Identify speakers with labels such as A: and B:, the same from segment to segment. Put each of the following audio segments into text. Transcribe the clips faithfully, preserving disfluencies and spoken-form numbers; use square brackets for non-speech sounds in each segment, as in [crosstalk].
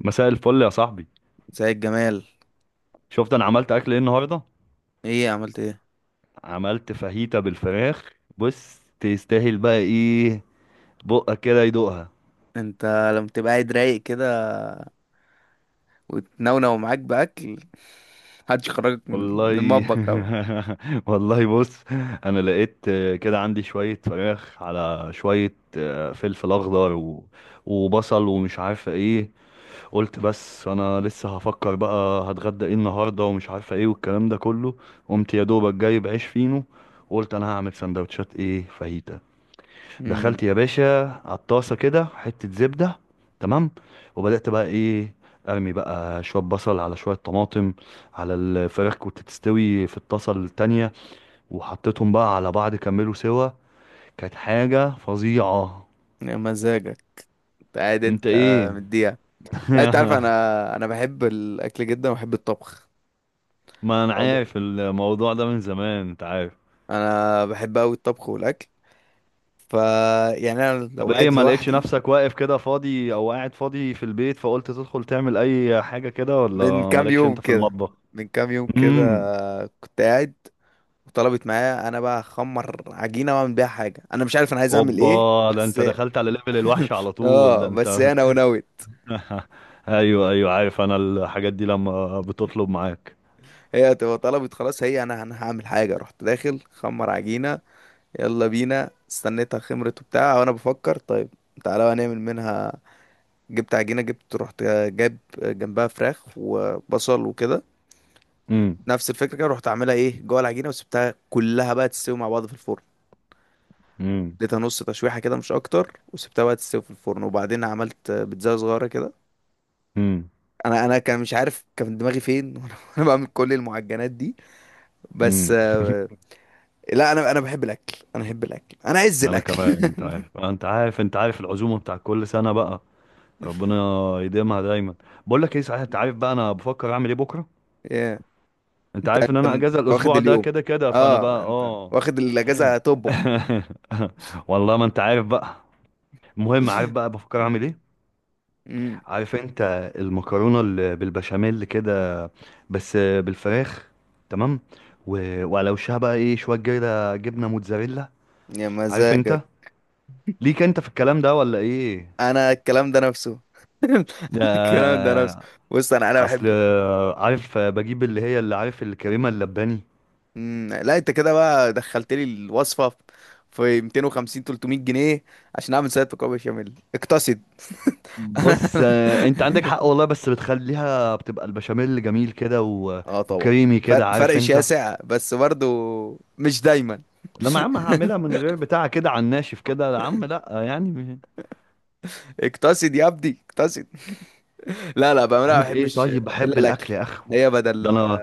A: مساء الفل يا صاحبي.
B: زي الجمال.
A: شفت انا عملت اكل ايه النهارده؟
B: ايه، عملت ايه؟
A: عملت فاهيتا بالفراخ. بص تستاهل بقى ايه. بقك كده يدوقها.
B: انت لما تبقى قاعد رايق كده وتنونو معاك باكل [laughs] محدش يخرجك من من
A: والله.
B: المطبخ اوي.
A: [laughs] والله بص، انا لقيت آه، كده عندي شويه فراخ على شويه آه، فلفل اخضر و... وبصل ومش عارفه ايه. قلت بس انا لسه هفكر بقى هتغدى ايه النهارده ومش عارفه ايه والكلام ده كله. قمت يا دوبك جايب عيش فينو وقلت انا هعمل سندوتشات ايه فاهيتا.
B: امم.
A: دخلت يا باشا على الطاسه كده حته زبده. تمام. وبدات بقى ايه، ارمي بقى شويه بصل على شويه طماطم على الفراخ كنت تستوي في الطاسه التانية، وحطيتهم بقى على بعض كملوا سوا. كانت حاجه فظيعه.
B: يا مزاجك. انت قاعد.
A: انت
B: انت
A: ايه؟
B: مديها. لا انت عارف،
A: [laughs]
B: انا انا بحب الاكل جدا وبحب الطبخ.
A: ما انا
B: عموما
A: عارف الموضوع ده من زمان انت عارف.
B: انا بحب اوي الطبخ والاكل. ف يعني انا
A: طب
B: لو
A: ايه،
B: قاعد
A: ما لقيتش
B: لوحدي.
A: نفسك واقف كده فاضي او قاعد فاضي في البيت فقلت تدخل تعمل اي حاجه كده،
B: من
A: ولا
B: كام
A: مالكش
B: يوم
A: انت في
B: كده
A: المطبخ؟
B: من كام يوم كده
A: امم.
B: كنت قاعد، وطلبت معايا انا بقى اخمر عجينه واعمل بيها حاجه، انا مش عارف انا عايز اعمل ايه.
A: اوبا، ده
B: بس
A: انت دخلت على ليفل الوحش على طول ده
B: اه، بس
A: انت.
B: هي نونوت.
A: [laughs] ايوه ايوه، عارف انا الحاجات دي لما بتطلب معاك.
B: هي تبقى طلبت خلاص، هي انا انا هعمل حاجه، رحت داخل خمر عجينه. يلا بينا، استنيتها خمرت وبتاع وانا بفكر، طيب تعالى بقى نعمل منها. جبت عجينه، جبت، رحت جاب جنبها فراخ وبصل وكده.
A: امم
B: نفس الفكره كده، رحت عاملها ايه جوه العجينه، وسبتها كلها بقى تستوي مع بعض في الفرن.
A: امم
B: اديتها نص تشويحه كده، مش اكتر، وسبتها بقى تستوي في الفرن، وبعدين عملت بيتزا صغيره كده.
A: امم
B: انا انا كان مش عارف، كان دماغي فين [laughs] وانا بعمل كل المعجنات دي. بس.
A: امم
B: لا، انا انا بحب الاكل، انا بحب الاكل، انا عز
A: انا
B: الاكل.
A: كمان، انت عارف انت عارف انت عارف العزومه بتاع كل سنه بقى. ربنا يديمها دايما. بقول لك ايه صحيح، انت عارف بقى انا بفكر اعمل ايه بكره؟
B: [laughs] يا.
A: انت
B: انت
A: عارف ان
B: انت من-
A: انا
B: أنت
A: اجازه
B: واخد
A: الاسبوع ده
B: اليوم؟
A: كده كده فانا بقى
B: اه انت
A: اه.
B: واخد الاجازه، هتطبخ.
A: [laughs] والله ما انت عارف بقى. المهم عارف
B: [laughs]
A: بقى بفكر
B: مم.
A: اعمل ايه؟
B: مم.
A: عارف انت المكرونه اللي بالبشاميل كده؟ بس بالفراخ. تمام. و... وعلى وشها بقى ايه شويه جبنه، جبنه موتزاريلا.
B: يا
A: عارف انت.
B: مزاجك.
A: ليك انت في الكلام ده ولا ايه؟
B: انا الكلام ده نفسه. [laughs] الكلام ده نفسه.
A: آه،
B: بص انا انا
A: اصل
B: بحب.
A: عارف بجيب اللي هي اللي عارف الكريمه اللباني.
B: مم. لا انت كده بقى دخلت لي الوصفه في مئتين ثلاثمية جنيه عشان اعمل سلطه مكرونه بشاميل؟ اقتصد.
A: بص
B: [laughs]
A: آه، انت عندك حق والله، بس بتخليها بتبقى البشاميل جميل كده و...
B: اه طبعا.
A: وكريمي كده
B: فرق
A: عارف
B: فرق
A: انت.
B: شاسع بس برضو، مش دايما.
A: لما يا عم هعملها من غير بتاع كده على الناشف كده يا عم لا يعني.
B: اقتصد يا ابني، اقتصد. لا لا بقى، انا ما
A: عملت ايه
B: بحبش
A: طيب
B: الا
A: بحب
B: الاكل.
A: الاكل يا اخو
B: هي
A: ده
B: بدل.
A: انا.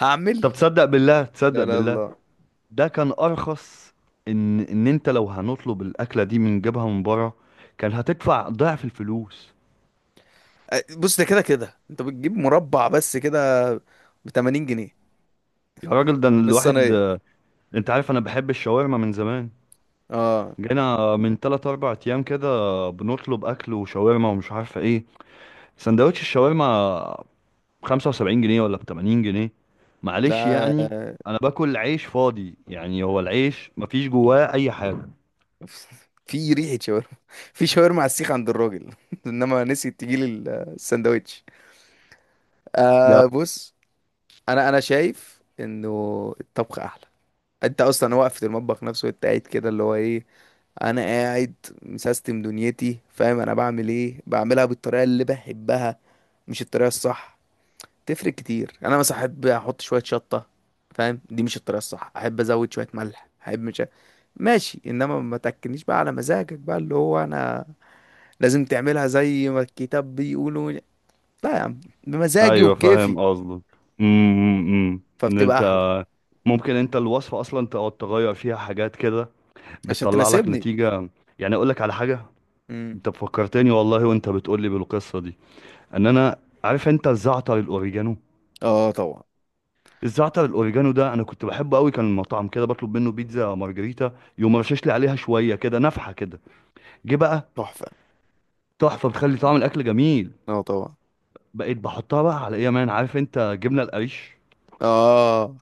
B: هعمل.
A: طب تصدق بالله، تصدق
B: لا لا
A: بالله،
B: لا.
A: ده كان ارخص. ان ان انت لو هنطلب الاكله دي من جبهه من بره، كان هتدفع ضعف الفلوس.
B: أ- بص، ده كده كده انت بتجيب مربع بس كده ب تمانين جنيه
A: يا راجل ده
B: من
A: الواحد،
B: الصينيه.
A: انت عارف انا بحب الشاورما من زمان.
B: اه
A: جينا من ثلاثة أربعة ايام كده، بنطلب اكل وشاورما ومش عارفه ايه. سندوتش الشاورما خمسة وسبعين جنيه، ولا ب تمانين جنيه. معلش
B: ده
A: يعني. انا باكل عيش فاضي يعني، هو العيش مفيش جواه اي حاجه.
B: في ريحه شاورما. [laughs] في شاورما على السيخ عند الراجل [laughs] انما نسي تجيلي الساندوتش. آه بص، انا انا شايف انه الطبخ احلى. انت اصلا واقف في المطبخ نفسه، انت قاعد كده اللي هو ايه. انا قاعد، مسيستم دنيتي، فاهم. انا بعمل ايه، بعملها بالطريقه اللي بحبها، مش الطريقة الصح. تفرق كتير. يعني انا مثلا احب احط شوية شطة، فاهم. دي مش الطريقة الصح. احب ازود شوية ملح، احب، مش ماشي. انما ما تاكلنيش بقى على مزاجك بقى، اللي هو انا لازم تعملها زي ما الكتاب بيقولوا. لا يا عم، بمزاجي
A: ايوه
B: وبكيفي،
A: فاهم قصدك. امم. إمم، إمم. ان
B: فبتبقى احلى.
A: انت ممكن انت الوصفه اصلا تقعد تغير فيها حاجات كده
B: عشان
A: بتطلع لك
B: تناسبني.
A: نتيجه. يعني اقول لك على حاجه.
B: امم.
A: انت فكرتني والله، وانت بتقول لي بالقصه دي، ان انا عارف انت الزعتر الاوريجانو.
B: اه طبعا.
A: الزعتر الاوريجانو ده انا كنت بحبه قوي، كان المطعم كده بطلب منه بيتزا مارجريتا يقوم رشش لي عليها شويه كده نفحه كده. جه بقى
B: تحفة.
A: تحفه، بتخلي طعم الاكل جميل.
B: اه طبعا.
A: بقيت بحطها بقى على ايه يا مان، عارف انت جبنه القريش،
B: اه،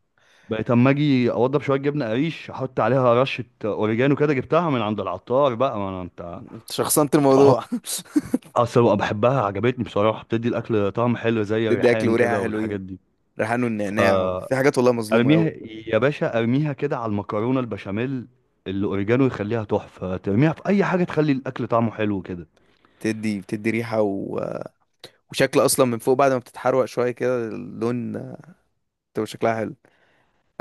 A: بقيت اما اجي اوضب شويه جبنه قريش احط عليها رشه اوريجانو كده جبتها من عند العطار بقى، ما انا انت.
B: انت شخصنت الموضوع.
A: احط. اصل بقى بحبها، عجبتني بصراحه، بتدي الاكل طعم حلو
B: [laughs]
A: زي
B: تدي اكل
A: الريحان
B: وريحة
A: كده
B: حلوين.
A: والحاجات دي.
B: ريحان والنعناع،
A: فارميها
B: في حاجات والله مظلومة قوي.
A: يا باشا، ارميها كده على المكرونه البشاميل. الاوريجانو يخليها تحفه، ترميها في اي حاجه تخلي الاكل طعمه حلو كده.
B: بتدي بتدي ريحة و... وشكل، اصلا من فوق بعد ما بتتحروق شويه كده، اللون آه، بتبقى شكلها حلو.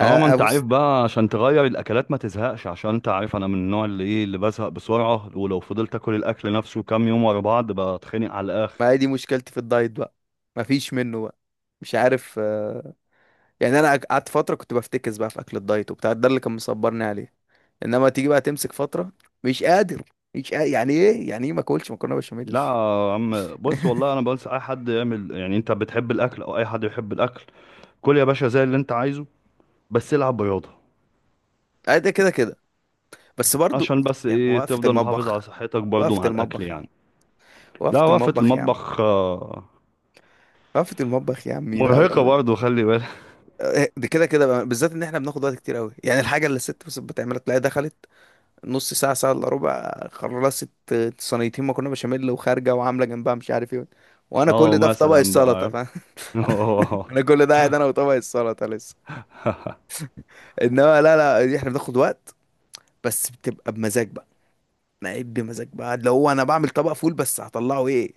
A: اه ما
B: انا
A: انت عارف
B: ابص.
A: بقى عشان تغير الاكلات ما تزهقش، عشان انت عارف انا من النوع اللي ايه اللي بزهق بسرعه، ولو فضلت اكل الاكل نفسه كام يوم ورا بعض بتخنق على الاخر.
B: ما هي دي مشكلتي في الدايت بقى، مفيش منه بقى، مش عارف. آه، يعني انا قعدت فتره كنت بفتكس بقى في اكل الدايت وبتاع، ده اللي كان مصبرني عليه. انما تيجي بقى تمسك فتره، مش قادر. مش قادر. يعني ايه، يعني ايه ما اكلش مكرونه بشاميل؟
A: لا يا عم، بص
B: [laughs]
A: والله انا بنصح اي حد يعمل، يعني انت بتحب الاكل او اي حد يحب الاكل، كل يا باشا زي اللي انت عايزه، بس العب رياضه،
B: آه، ده كده كده بس برضو.
A: عشان بس
B: يعني
A: ايه
B: وقفه
A: تفضل محافظ على
B: المطبخ،
A: صحتك برضو
B: وقفه
A: مع الاكل
B: المطبخ يا عم،
A: يعني.
B: وقفه
A: لا، وقفه
B: المطبخ يا عم،
A: المطبخ آه،
B: وقفه المطبخ يا عمي، لا لا
A: مرهقه
B: لا.
A: برضو خلي بالك.
B: آه، دي كده كده بقى، بالذات ان احنا بناخد وقت كتير قوي. يعني الحاجه اللي الست بس بتعملها، تلاقيها دخلت نص ساعه، ساعه الا ربع، خلصت صينيتين مكرونه بشاميل، وخارجه وعامله جنبها مش عارف ايه.
A: [laughs]
B: وانا
A: اه،
B: كل ده في طبق
A: مثلا بقى
B: السلطه،
A: عارف.
B: فاهم.
A: [laughs]
B: [laughs]
A: اه
B: انا كل ده قاعد انا وطبق السلطه لسه. انما لا لا، دي احنا بناخد وقت، بس بتبقى بمزاج بقى. انا قاعد بمزاج بقى، اللي هو انا بعمل طبق فول بس هطلعه ايه.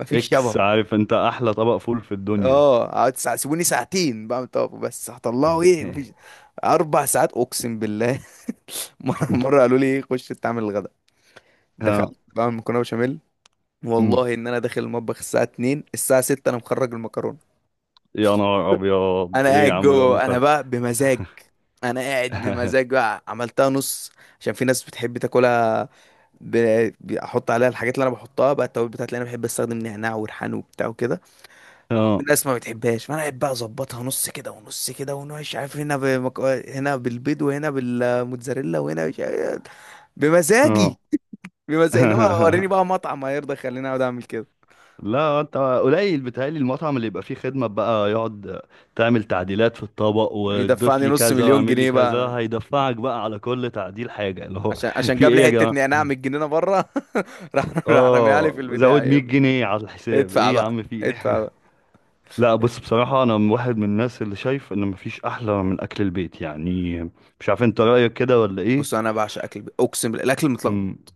B: مفيش
A: اكس،
B: شبهه.
A: عارف انت احلى طبق فول في الدنيا.
B: اه، اقعد ساع- سيبوني ساعتين بعمل طبق، بس هطلعه ايه، مفيش.
A: [laughs]
B: اربع ساعات اقسم بالله. [laughs] مرة [laughs] مرة قالوا لي خش تعمل الغداء،
A: آه،
B: دخلت بعمل مكرونة بشاميل.
A: مم.
B: والله ان انا داخل المطبخ الساعة اتنين، الساعة ستة انا مخرج المكرونة.
A: يا نهار ابيض
B: انا
A: ايه يا
B: قاعد
A: عم ده ده-
B: جوه انا
A: ده-
B: بقى بمزاج. انا قاعد بمزاج بقى، عملتها نص عشان في ناس بتحب تاكلها. ب- بحط عليها الحاجات اللي انا بحطها بقى، التوابل بتاعتي اللي انا بحب استخدم، نعناع وريحان وبتاع وكده.
A: [laughs]
B: في
A: اه
B: ناس ما بتحبهاش، فانا قاعد بقى اظبطها نص كده ونص كده، ونوش عارف، هنا بمك... هنا بالبيض، وهنا بالموتزاريلا، وهنا مش عارف- إيه. بمزاجي.
A: اه.
B: بس انما وريني
A: [laughs]
B: بقى مطعم هيرضى يخليني اقعد اعمل كده.
A: لا انت قليل، بيتهيألي المطعم اللي يبقى فيه خدمة بقى يقعد تعمل تعديلات في الطبق وتضيف
B: يدفعني
A: لي
B: نص
A: كذا
B: مليون
A: واعمل لي
B: جنيه بقى
A: كذا،
B: انا،
A: هيدفعك بقى على كل تعديل حاجة اللي هو.
B: عشان عشان
A: في
B: جاب لي
A: ايه يا
B: حته
A: جماعة؟
B: نعناع من الجنينه بره. [laughs] راح راح رميها لي
A: اه
B: في البتاع
A: زود 100
B: يبلع.
A: جنيه على الحساب،
B: ادفع
A: ايه يا
B: بقى،
A: عم في
B: ادفع
A: ايه.
B: بقى.
A: [laughs] لا بص بصراحة، انا من واحد من الناس اللي شايف ان مفيش احلى من اكل البيت يعني. مش عارف انت رأيك كده ولا ايه؟
B: بص، انا بعشق اكل البيت. اقسم بالله الاكل
A: امم
B: متلخبط.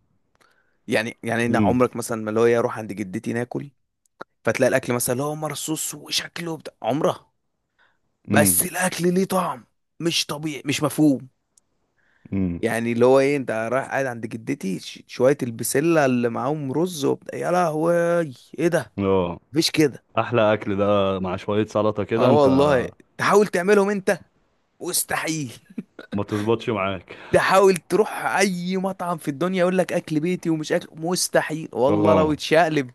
B: يعني يعني انا
A: امم
B: عمرك مثلا ما، اللي هو إيه، اروح عند جدتي ناكل، فتلاقي الاكل مثلا اللي هو مرصوص وشكله بتاع عمره، بس
A: امم
B: الاكل ليه طعم، مش طبيعي، مش مفهوم.
A: امم
B: يعني اللي هو ايه، انت رايح قاعد عند جدتي، ش- شوية البسلة اللي معاهم رز وبتاع، يا لهوي ايه ده.
A: اه
B: مفيش كده.
A: احلى اكل ده مع شوية سلطة
B: اه
A: كده انت.
B: والله. تحاول تعملهم انت، مستحيل. [laughs]
A: ما تظبطش معاك.
B: تحاول تروح اي مطعم في الدنيا يقول لك اكل بيتي، ومش اكل، مستحيل والله لو
A: اه،
B: اتشقلب.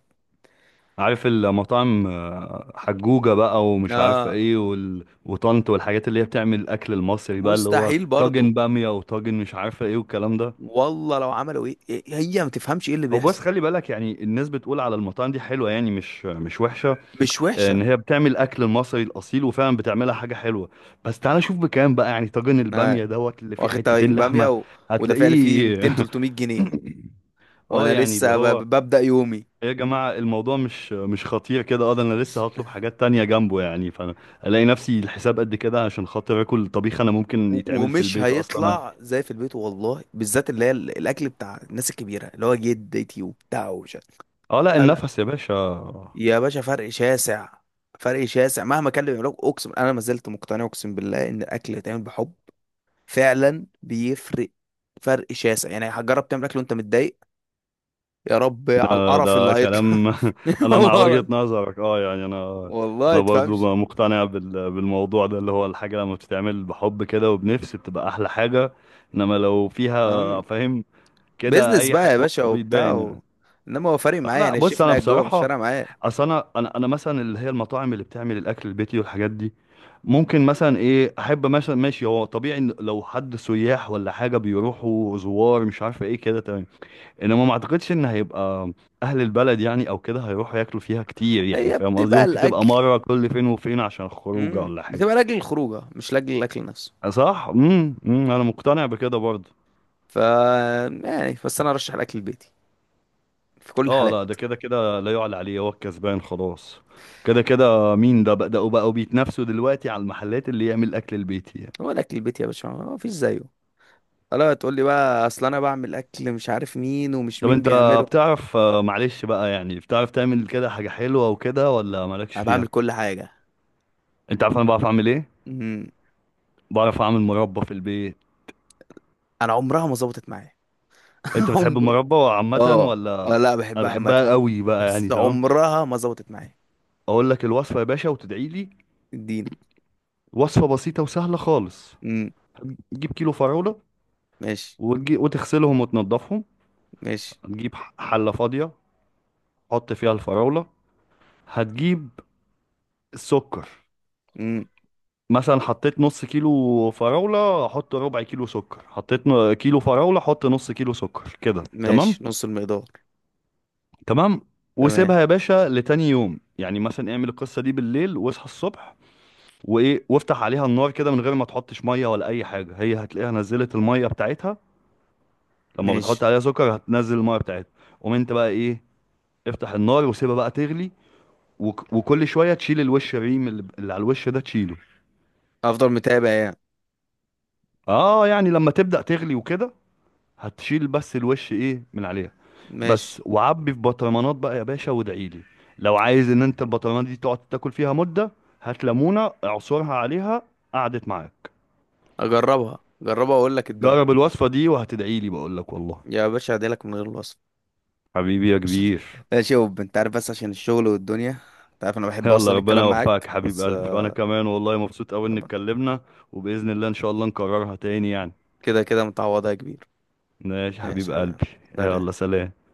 A: عارف المطاعم آه، حجوجة بقى ومش عارف
B: اه
A: ايه، وال... وطنط والحاجات اللي هي بتعمل الاكل المصري بقى، اللي هو
B: مستحيل برضه.
A: طاجن بامية وطاجن مش عارفة ايه والكلام ده.
B: والله لو عملوا ايه، إيه- هي ما تفهمش ايه اللي
A: هو بس
B: بيحصل.
A: خلي بالك يعني، الناس بتقول على المطاعم دي حلوة يعني مش مش وحشة.
B: مش
A: آه،
B: وحشة.
A: ان هي بتعمل الاكل المصري الاصيل، وفعلا بتعملها حاجة حلوة. بس تعالى شوف بكام بقى، يعني طاجن
B: آه.
A: البامية دوت اللي فيه
B: واخد
A: حتتين
B: طبعين بامية
A: لحمة،
B: و... وده فعلا فيه
A: هتلاقيه.
B: ميتين 300
A: [laughs]
B: جنيه
A: اه
B: وانا
A: يعني اللي
B: لسه ب... ب-
A: هو،
B: ببدأ يومي.
A: إيه يا جماعة، الموضوع مش مش خطير كده. اه ده انا لسه هطلب حاجات تانية جنبه يعني، فانا الاقي نفسي الحساب قد كده، عشان خاطر اكل طبيخ انا ممكن
B: و-
A: يتعمل في
B: ومش
A: البيت اصلا.
B: هيطلع زي في البيت، والله بالذات اللي هي ال- الاكل بتاع الناس الكبيره اللي هو جدتي وبتاع وش.
A: اه لا
B: لا لا
A: النفس يا باشا.
B: يا باشا، فرق شاسع. فرق شاسع مهما كان اللي بيعملوه، اقسم انا ما زلت مقتنع، اقسم بالله ان الاكل اللي يتعمل بحب فعلا بيفرق. فرق شاسع. يعني هتجرب تعمل اكل وانت متضايق، يا رب على
A: ده,
B: القرف اللي
A: ده كلام.
B: هيطلع.
A: [laughs]
B: [laughs]
A: انا مع وجهة
B: والله.
A: نظرك اه يعني انا.
B: والله
A: انا برضو
B: تفهمش.
A: بقى مقتنع بال- بالموضوع ده، اللي هو الحاجة لما بتتعمل بحب كده وبنفس بتبقى احلى حاجة. انما لو فيها فاهم كده،
B: بيزنس
A: اي
B: بقى
A: حاجة
B: يا
A: برضو
B: باشا وبتاع
A: بيتبان.
B: و... انما هو فارق
A: آه،
B: معايا.
A: لا
B: يعني
A: بص
B: الشيف اللي
A: انا
B: قاعد جوه، مش
A: بصراحه،
B: فارق معايا.
A: اصل انا انا انا مثلا اللي هي المطاعم اللي بتعمل الاكل البيتي والحاجات دي، ممكن مثلا ايه احب، مثلا ماشي، هو طبيعي إن لو حد سياح ولا حاجه بيروحوا زوار مش عارفه ايه كده تمام، انما ما اعتقدش ان هيبقى اهل البلد يعني او كده هيروحوا ياكلوا فيها كتير، يعني
B: هي
A: فاهم قصدي،
B: بتبقى
A: ممكن تبقى
B: الاكل.
A: مره كل فين وفين عشان خروجه
B: امم
A: ولا حاجه.
B: بتبقى لاجل الخروجه، مش لاجل الاكل نفسه.
A: صح. امم. أمم، انا مقتنع بكده برضه.
B: ف يعني بس انا ارشح الاكل البيتي في كل
A: اه لا
B: الحالات.
A: ده كده كده لا يعلى عليه، هو الكسبان خلاص. كده كده مين، ده بدأوا بقوا بيتنافسوا دلوقتي على المحلات اللي يعمل الأكل البيتي يعني.
B: هو الاكل البيتي يا باشا، ما فيش زيه. الا تقول لي بقى، اصل انا بعمل اكل مش عارف مين ومش
A: طب
B: مين
A: انت
B: بيعمله.
A: بتعرف آه، معلش بقى يعني، بتعرف تعمل كده حاجة حلوة وكده، ولا مالكش
B: انا بعمل
A: فيها؟
B: كل حاجه.
A: انت عارف انا بعرف اعمل ايه؟
B: امم.
A: بعرف اعمل مربى في البيت.
B: انا عمرها ما ظبطت معايا.
A: انت
B: [laughs]
A: بتحب
B: عمر.
A: المربى عامة
B: اه. اه
A: ولا؟
B: لا،
A: انا
B: بحبها عامه،
A: بحبها قوي بقى يعني
B: بس
A: تمام.
B: عمرها ما ظبطت معايا.
A: اقول لك الوصفة يا باشا وتدعي لي.
B: ادينا.
A: وصفة بسيطة وسهلة خالص.
B: امم.
A: تجيب كيلو فراولة،
B: ماشي.
A: وتجي- وتغسلهم وتنضفهم.
B: ماشي.
A: تجيب حلة فاضية، حط فيها الفراولة، هتجيب السكر.
B: امم.
A: مثلا حطيت نص كيلو فراولة حط ربع كيلو سكر، حطيت ن- كيلو فراولة حط نص كيلو سكر كده تمام.
B: ماشي، نص المقدار.
A: تمام.
B: تمام.
A: وسيبها يا باشا لتاني يوم، يعني مثلا اعمل القصة دي بالليل واصحى الصبح، وايه، وافتح عليها النار كده من غير ما تحطش مية ولا اي حاجة، هي هتلاقيها نزلت المية بتاعتها، لما
B: ماشي.
A: بتحط عليها سكر هتنزل المية بتاعتها. قوم انت بقى ايه، افتح النار وسيبها بقى تغلي، وك- وكل شوية تشيل الوش، الريم اللي اللي على الوش ده تشيله.
B: افضل متابع يعني.
A: اه يعني لما تبدأ تغلي وكده، هتشيل بس الوش ايه من عليها. بس
B: ماشي.
A: وعبي في بطرمانات بقى يا باشا وادعيلي. لو عايز ان انت البطرمانات دي تقعد تاكل فيها مدة هات ليمونة اعصرها عليها، قعدت معاك.
B: اجربها، جربها واقول لك الدنيا.
A: جرب الوصفة دي وهتدعيلي بقولك والله.
B: يا باشا هديلك من غير الوصف.
A: حبيبي يا كبير.
B: ماشي يا وب، انت عارف بس عشان الشغل والدنيا. انت عارف انا بحب
A: يلا
B: اصلا
A: ربنا
B: الكلام
A: يوفقك
B: معاك،
A: حبيب
B: بس
A: قلبي،
B: آه،
A: وانا كمان والله مبسوط قوي ان اتكلمنا، وبإذن الله ان شاء الله نكررها تاني يعني.
B: كده كده متعوضها يا كبير.
A: ماشي حبيب
B: ماشي يا حبيبي.
A: قلبي. يلا
B: سلام.
A: سلام.